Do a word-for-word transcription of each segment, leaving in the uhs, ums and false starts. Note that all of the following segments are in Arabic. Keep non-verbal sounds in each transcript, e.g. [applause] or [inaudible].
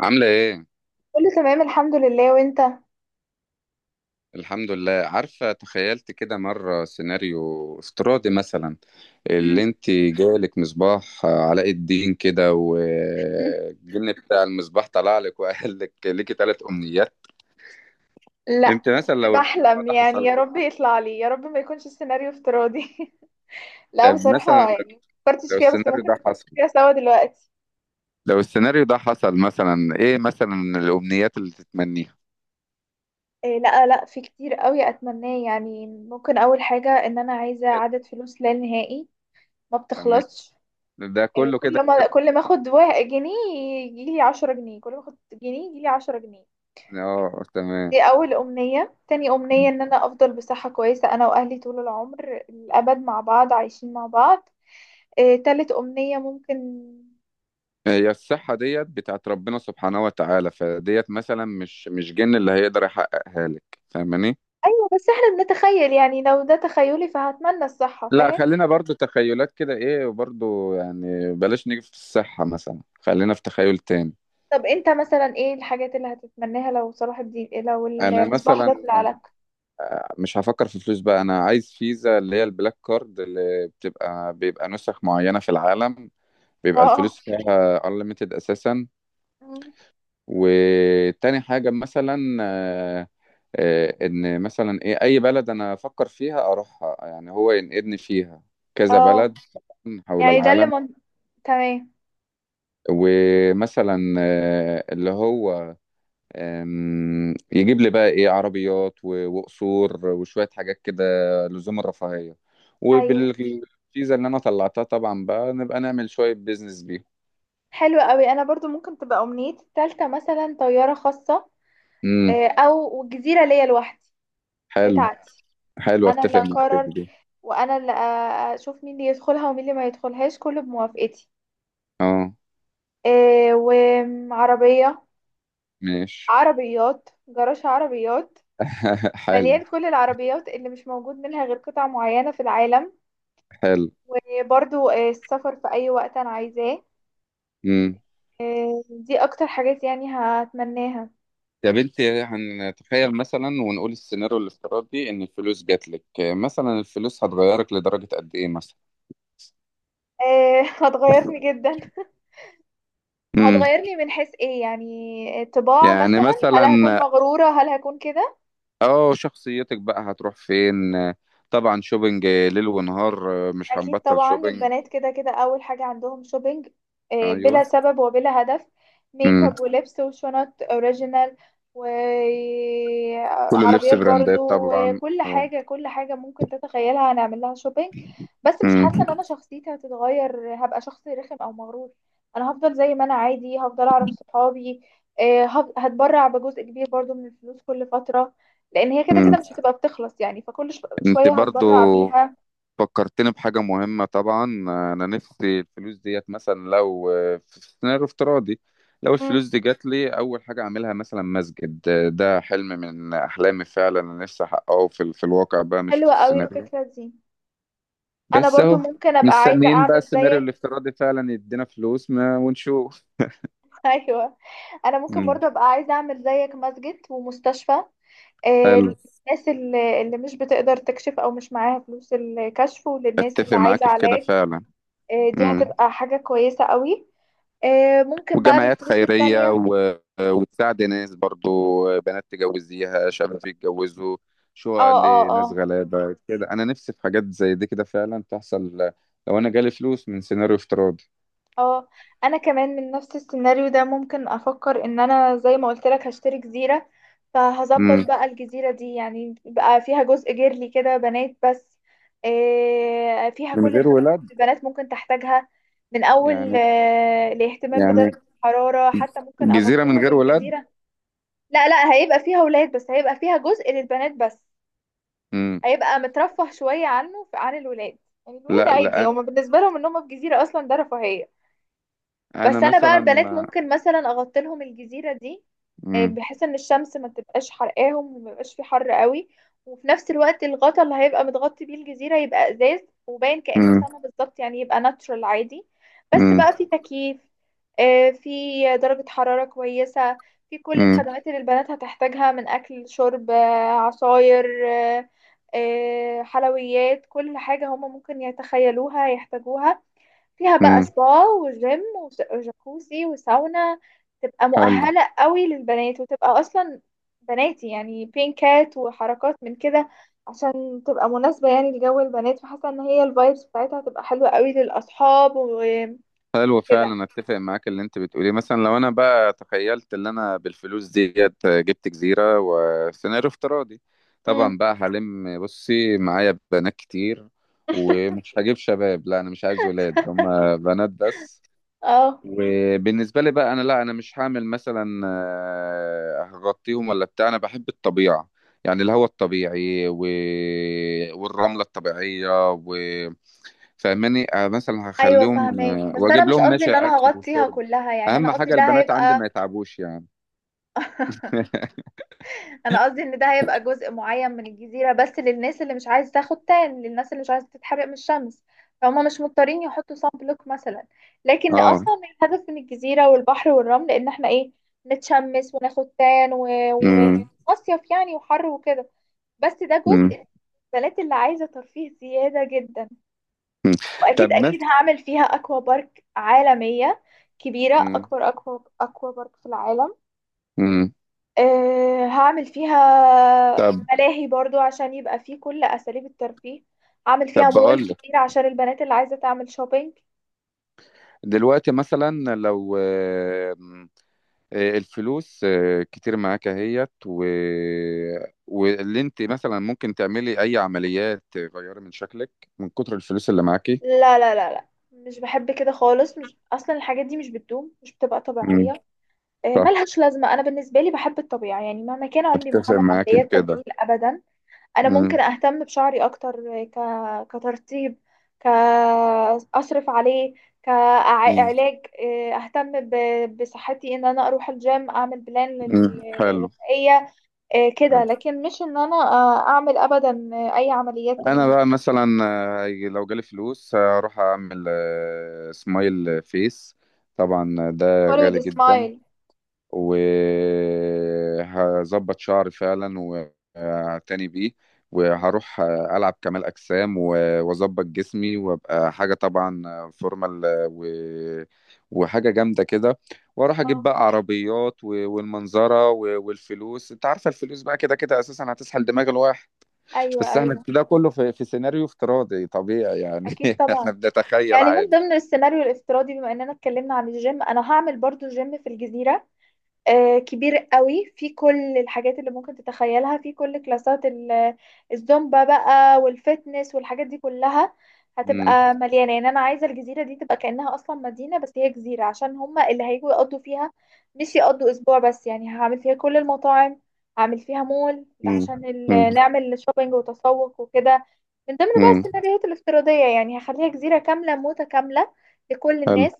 عاملة ايه؟ كله تمام، الحمد لله. وانت؟ الحمد لله، عارفة تخيلت كده مرة سيناريو افتراضي مثلا. اللي مم. انت جالك مصباح علاء الدين كده، مم. والجن بتاع المصباح طلع لك وقال لك ليكي ثلاث امنيات. لا، انت بس مثلا لو الموضوع بحلم، ده يعني حصل يا لك، رب يطلع لي، يا رب ما يكونش السيناريو افتراضي. [laughs] ده لا، مثلا، بصراحة يعني ما فكرتش لو فيها، بس السيناريو ممكن ده نفكر حصل فيها سوا دلوقتي. لو السيناريو ده حصل مثلا ايه، مثلا الامنيات اللي تتمنيها؟ إيه، لا لا، في كتير قوي اتمناه. يعني ممكن اول حاجة، ان انا عايزة عدد فلوس لا نهائي، ما تمام، بتخلصش. ده إيه، كله كده. كل ما كل ما اخد وا- جنيه يجيلي عشرة جنيه، كل ما اخد جنيه يجيلي عشرة جنيه. اه، تمام. دي أول أمنية. تاني أمنية، إن أنا أفضل بصحة كويسة أنا وأهلي طول العمر الأبد مع بعض، عايشين مع بعض. آه، تالت أمنية ممكن. هي الصحة ديت بتاعت ربنا سبحانه وتعالى فديت، مثلا مش مش جن اللي هيقدر يحققها لك، فاهماني. أيوة، بس إحنا بنتخيل، يعني لو ده تخيلي فهتمنى الصحة، لا، فاهم؟ خلينا برضو تخيلات كده ايه، وبرضو يعني بلاش نيجي في الصحة، مثلا خلينا في تخيل تاني. طب أنت مثلا، إيه الحاجات اللي هتتمناها لو صلاح الدين، لو انا المصباح مثلا ده طلع لك؟ [laughs] مش هفكر في فلوس بقى، انا عايز فيزا اللي هي البلاك كارد اللي بتبقى، بيبقى نسخ معينة في العالم، بيبقى الفلوس اه. فيها unlimited اساسا. مم. وتاني حاجة مثلا، آه، آه، إن مثلا إيه أي بلد أنا أفكر فيها أروحها، يعني هو ينقلني فيها، كذا اه. بلد حول يعني ده اللي العالم. من... تمام. ومثلا آه، اللي هو، آم، يجيب لي بقى ايه عربيات و- وقصور وشوية حاجات كده، لزوم الرفاهية. أيوة، وبالفيزا اللي انا طلعتها طبعا بقى نبقى نعمل شوية بيزنس بيهم. حلو قوي. أنا برضو ممكن تبقى أمنيتي التالتة مثلا طيارة خاصة، امم. آه، أو جزيرة ليا لوحدي، حلو. بتاعتي. حلو، انا اللي اتفق معاك في اقرر، دي. وانا اللي أ- اشوف مين اللي يدخلها ومين اللي ما يدخلهاش، كله بموافقتي. اه، إيه، وعربية، ماشي. عربيات، جراج عربيات [laughs] حلو. مليان كل العربيات اللي مش موجود منها غير قطع معينة في العالم. حلو. وبرضو إيه، السفر في اي وقت انا عايزاه. امم. دي اكتر حاجات يعني هتمناها. طب انت، هنتخيل مثلا ونقول السيناريو الافتراضي، ان الفلوس جات لك مثلا، الفلوس هتغيرك لدرجة قد ايه مثلا؟ إيه، [laughs] هتغيرني جدا. امم. هتغيرني من حيث ايه، يعني طباع يعني مثلا؟ هل هكون مثلا، مغرورة، هل هكون كده؟ اه شخصيتك بقى هتروح فين؟ طبعا شوبينج ليل ونهار، مش اكيد هنبطل طبعا، شوبينج. البنات كده كده اول حاجه عندهم شوبينج، آه، ايوه. بلا سبب وبلا هدف. ميك امم. اب ولبس وشنط اوريجينال كل لبس وعربيات برضو، براندات طبعا وكل و- حاجه كل حاجه ممكن تتخيلها هنعمل لها شوبينج. بس مش حاسه امم. ان انا شخصيتي هتتغير، هبقى شخص رخم او مغرور. انا هفضل زي ما انا عادي، هفضل اعرف صحابي. آه، هف- هتبرع بجزء كبير برضو من الفلوس كل فتره، لان هي كده كده امم. مش هتبقى بتخلص، يعني فكل ش- انت شويه برضو هتبرع بيها. فكرتني بحاجة مهمة طبعا. أنا نفسي الفلوس ديت، مثلا لو في سيناريو افتراضي، لو الفلوس دي جات لي أول حاجة أعملها مثلا مسجد. ده حلم من أحلامي فعلا، أنا نفسي أحققه في, في الواقع بقى، مش في حلوة قوي السيناريو، الفكرة دي. انا بس برضو أهو. ممكن ابقى عايزة مستنيين بقى اعمل السيناريو زيك. الافتراضي فعلا يدينا فلوس ما، ونشوف. [laughs] ايوه. انا ممكن مم. برضو ابقى عايزة اعمل زيك، مسجد ومستشفى، آه، حلو. للناس اللي اللي مش بتقدر تكشف او مش معاها فلوس الكشف، وللناس اللي أتفق عايزة معاك في كده علاج. فعلا. آه، دي مم. هتبقى حاجة كويسة قوي. آه، ممكن بقى وجمعيات بالفلوس خيرية التانية. و... وتساعد ناس برضو، بنات تجوزيها، شباب يتجوزوا، اه، شقق اه، لناس اه، غلابة كده. أنا نفسي في حاجات زي دي كده فعلا تحصل لو أنا جالي فلوس من سيناريو افتراضي. اه. انا كمان من نفس السيناريو ده، ممكن افكر ان انا زي ما قلت لك هشتري جزيرة. فهظبط مم. بقى الجزيرة دي، يعني بقى فيها جزء جيرلي كده، بنات بس. إيه، فيها من كل غير الخدمات ولاد. اللي البنات ممكن تحتاجها، من اول يعني آه، الاهتمام يعني بدرجة الحرارة، حتى ممكن جزيرة اغطي من لهم غير ولاد. الجزيرة. لا لا، هيبقى فيها ولاد، بس هيبقى فيها جزء للبنات بس. مم. هيبقى مترفه شوية عنه عن الولاد. يعني الولاد لا، عادي، لا. هما بالنسبة لهم ان هما في جزيرة اصلا ده رفاهية. أنا بس انا بقى مثلا. البنات، مم. ممكن مثلا اغطلهم الجزيره دي، آه، بحيث ان الشمس ما تبقاش حرقاهم وما يبقاش في حر قوي. وفي نفس الوقت، الغطا اللي هيبقى متغطي بيه الجزيره يبقى ازاز، وباين كانه مم. سما بالظبط، يعني يبقى ناتشورال عادي. بس مم. بقى في تكييف، آه، في درجه حراره كويسه، في كل مم. الخدمات اللي البنات هتحتاجها، من اكل، شرب، آه، عصاير، آه، آه، حلويات، كل حاجه هما ممكن يتخيلوها يحتاجوها. فيها بقى مم. سبا، وجيم، وس- وجاكوزي، وساونا. تبقى حلو. مؤهلة قوي للبنات، وتبقى أصلا بناتي، يعني بينكات وحركات من كده، عشان تبقى مناسبة يعني لجو البنات. فحاسة ان هي الفايبس بتاعتها هتبقى حلوة قوي للأصحاب و- حلو وكده. فعلا، اتفق معاك اللي انت بتقوليه. مثلا لو انا بقى تخيلت ان انا بالفلوس ديت جبت جزيرة وسيناريو افتراضي، امم طبعا بقى هلم بصي معايا بنات كتير، ومش هجيب شباب، لا انا مش عايز ولاد هم، بنات بس. اه، وبالنسبة لي بقى انا، لا، انا مش هعمل مثلا آه، هغطيهم ولا بتاع، انا بحب الطبيعة، يعني الهواء الطبيعي، و... والرملة الطبيعية، و... فاهماني. آه، مثلا ايوه، هخليهم، فاهمك. آه، بس انا واجيب مش لهم قصدي ماشي ان انا اكل هغطيها وشرب. كلها، يعني انا اهم قصدي حاجه ده البنات عندي هيبقى... ما يتعبوش يعني. [laughs] [laughs] انا قصدي ان ده هيبقى جزء معين من الجزيرة بس، للناس اللي مش عايز تاخد تان، للناس اللي مش عايزة تتحرق من الشمس، فهم مش مضطرين يحطوا صن بلوك مثلا. لكن اه. اصلا الهدف من الجزيرة والبحر والرمل ان احنا ايه؟ نتشمس وناخد تان ومصيف و... امم. ومصيف، يعني وحر وكده. بس ده امم. جزء البنات اللي عايزة ترفيه زيادة جدا. أمم. طب واكيد مثلا. اكيد هعمل فيها اكوا بارك عالمية كبيرة، اكبر اكوا اكوا بارك في العالم. امم. آه، هعمل فيها طب ملاهي برضو عشان يبقى فيه كل أساليب الترفيه. هعمل طب فيها مول بقول لك، كتير عشان البنات اللي عايزة تعمل شوبينج. دلوقتي مثلا لو آه، آه، الفلوس آه، كتير معاك اهيت، و... واللي انت مثلا ممكن تعملي اي عمليات تغيري من شكلك من كتر الفلوس اللي معاكي. لا لا لا لا، مش بحب كده خالص. مش أصلا، الحاجات دي مش بتدوم، مش بتبقى امم. طبيعية، آه، صح، ملهاش لازمة. أنا بالنسبة لي بحب الطبيعة، يعني مهما كان عمري ما اتفق هعمل معاكي في عمليات تجميل كده. أبدا. انا ممكن امم. اهتم بشعري اكتر، ك... كترطيب، ك اصرف عليه، امم. كعلاج. اهتم ب... بصحتي، ان انا اروح الجيم، اعمل بلان أمم. لل- حلو. غذائيه. إيه كده، حلو. لكن مش ان انا آه، اعمل ابدا اي عمليات انا تجميل. بقى مثلا آه، لو جالي فلوس هروح اعمل آه، سمايل فيس، طبعا ده Follow غالي the جدا، smile. وهظبط شعري فعلا، وهعتني بيه، مم. وهروح آه، العب كمال اجسام، و- واظبط جسمي، وابقى حاجه طبعا آه، فورمال، آه، و... وحاجه جامده كده. واروح اجيب اه، بقى عربيات و- والمنظره و- والفلوس، انت عارفه الفلوس بقى كده كده اساسا هتسحل دماغ الواحد. ايوه، بس احنا ايوه. ده كله في, في سيناريو افتراضي طبيعي يعني، اكيد [laughs] احنا طبعا. بنتخيل يعني من عادي. ضمن السيناريو الافتراضي، بما اننا اتكلمنا عن الجيم، انا هعمل برضو جيم في الجزيره، آه، كبير قوي، في كل الحاجات اللي ممكن تتخيلها، في كل كلاسات ال- الزومبا بقى، والفتنس والحاجات دي كلها. امم. هتبقى مليانة، يعني أنا عايزة الجزيرة دي تبقى كأنها أصلا مدينة، بس هي جزيرة، عشان هما اللي هيجوا يقضوا فيها مش يقضوا أسبوع بس. يعني هعمل فيها كل المطاعم، هعمل فيها مول امم. عشان امم. ال- نعمل شوبينج وتسوق وكده. من ضمن بقى امم. السيناريوهات الافتراضية، يعني هخليها جزيرة كاملة متكاملة لكل حلو. الناس،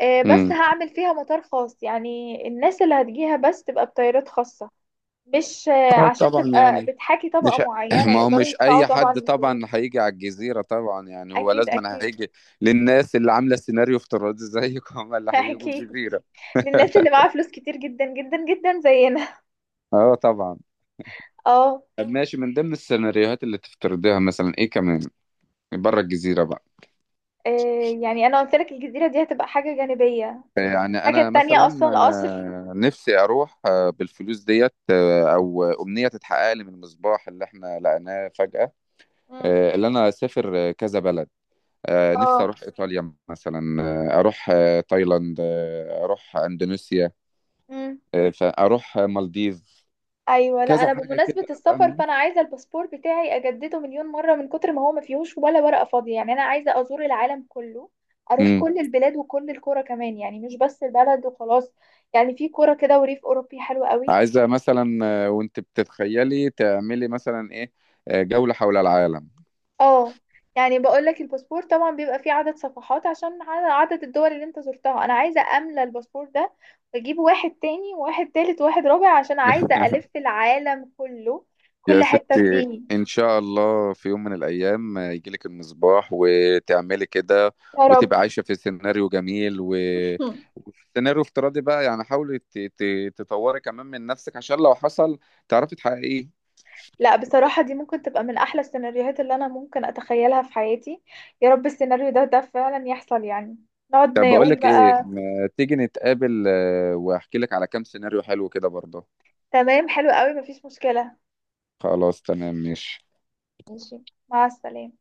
آه، بس امم. هعمل فيها مطار خاص، يعني الناس اللي هتجيها بس تبقى بطيارات خاصة، مش آه، اه عشان طبعا تبقى يعني، بتحاكي طبقة مش [clears throat] معينة ما هو يقدروا مش يدفعوا اي طبعا حد طبعا الفلوس. هيجي على الجزيرة، طبعا يعني هو أكيد لازم، أنا أكيد. هيجي للناس اللي عاملة سيناريو افتراضي زيك، هم اللي [laughs] هيجوا أكيد، الجزيرة. للناس اللي [laughs] معاها فلوس كتير جدا جدا جدا زينا. اه طبعا. [laughs] اه. طب ماشي، من ضمن السيناريوهات اللي تفترضيها مثلا ايه كمان بره الجزيرة بقى؟ آه، يعني أنا قلت لك الجزيرة دي هتبقى حاجة جانبية، يعني انا حاجة تانية مثلا أصلا القصر. آه، نفسي اروح آه، بالفلوس ديت، آه، او امنيه تتحقق لي من المصباح اللي احنا لقيناه فجاه، مم. آه، اللي انا اسافر آه، كذا بلد. آه، نفسي اه. اروح ايطاليا مثلا، آه، اروح آه، تايلاند، آه، اروح اندونيسيا، مم. آه، فاروح آه، مالديف، ايوه. لا، كذا انا حاجه بمناسبه كده السفر فاهمه. فانا عايزه الباسبور بتاعي اجدده مليون مره من كتر ما هو ما فيهوش ولا ورقه فاضيه. يعني انا عايزه ازور العالم كله، اروح امم. كل البلاد وكل القرى كمان، يعني مش بس البلد وخلاص. يعني في قرى كده وريف اوروبي حلو قوي. عايزه مثلا آه، وانت بتتخيلي تعملي مثلا ايه، آه، جوله حول العالم. اه، يعني بقول لك الباسبور طبعا بيبقى فيه عدد صفحات عشان ع- عدد الدول اللي انت زرتها. انا عايزه املى الباسبور ده، واجيب واحد تاني وواحد تالت وواحد رابع، عشان عايزه [laughs] الف العالم كله، يا كل حته ستي، فيه. إن شاء الله في يوم من الأيام يجيلك المصباح وتعملي كده، يا رب. وتبقى عايشة في سيناريو جميل، و- [laughs] وسيناريو افتراضي بقى، يعني حاولي ت- ت- تطوري كمان من نفسك عشان لو حصل تعرفي تحققيه. لا، بصراحة دي ممكن تبقى من أحلى السيناريوهات اللي أنا ممكن أتخيلها في حياتي. يا رب السيناريو ده ده فعلا يحصل يعني، نقعد طب بقول نقول لك إيه، بقى. ما تيجي نتقابل آه، وأحكي لك على كام سيناريو حلو كده برضه. تمام، حلو قوي، مفيش مشكلة. خلاص، تمام، ماشي. ماشي. مع السلامة.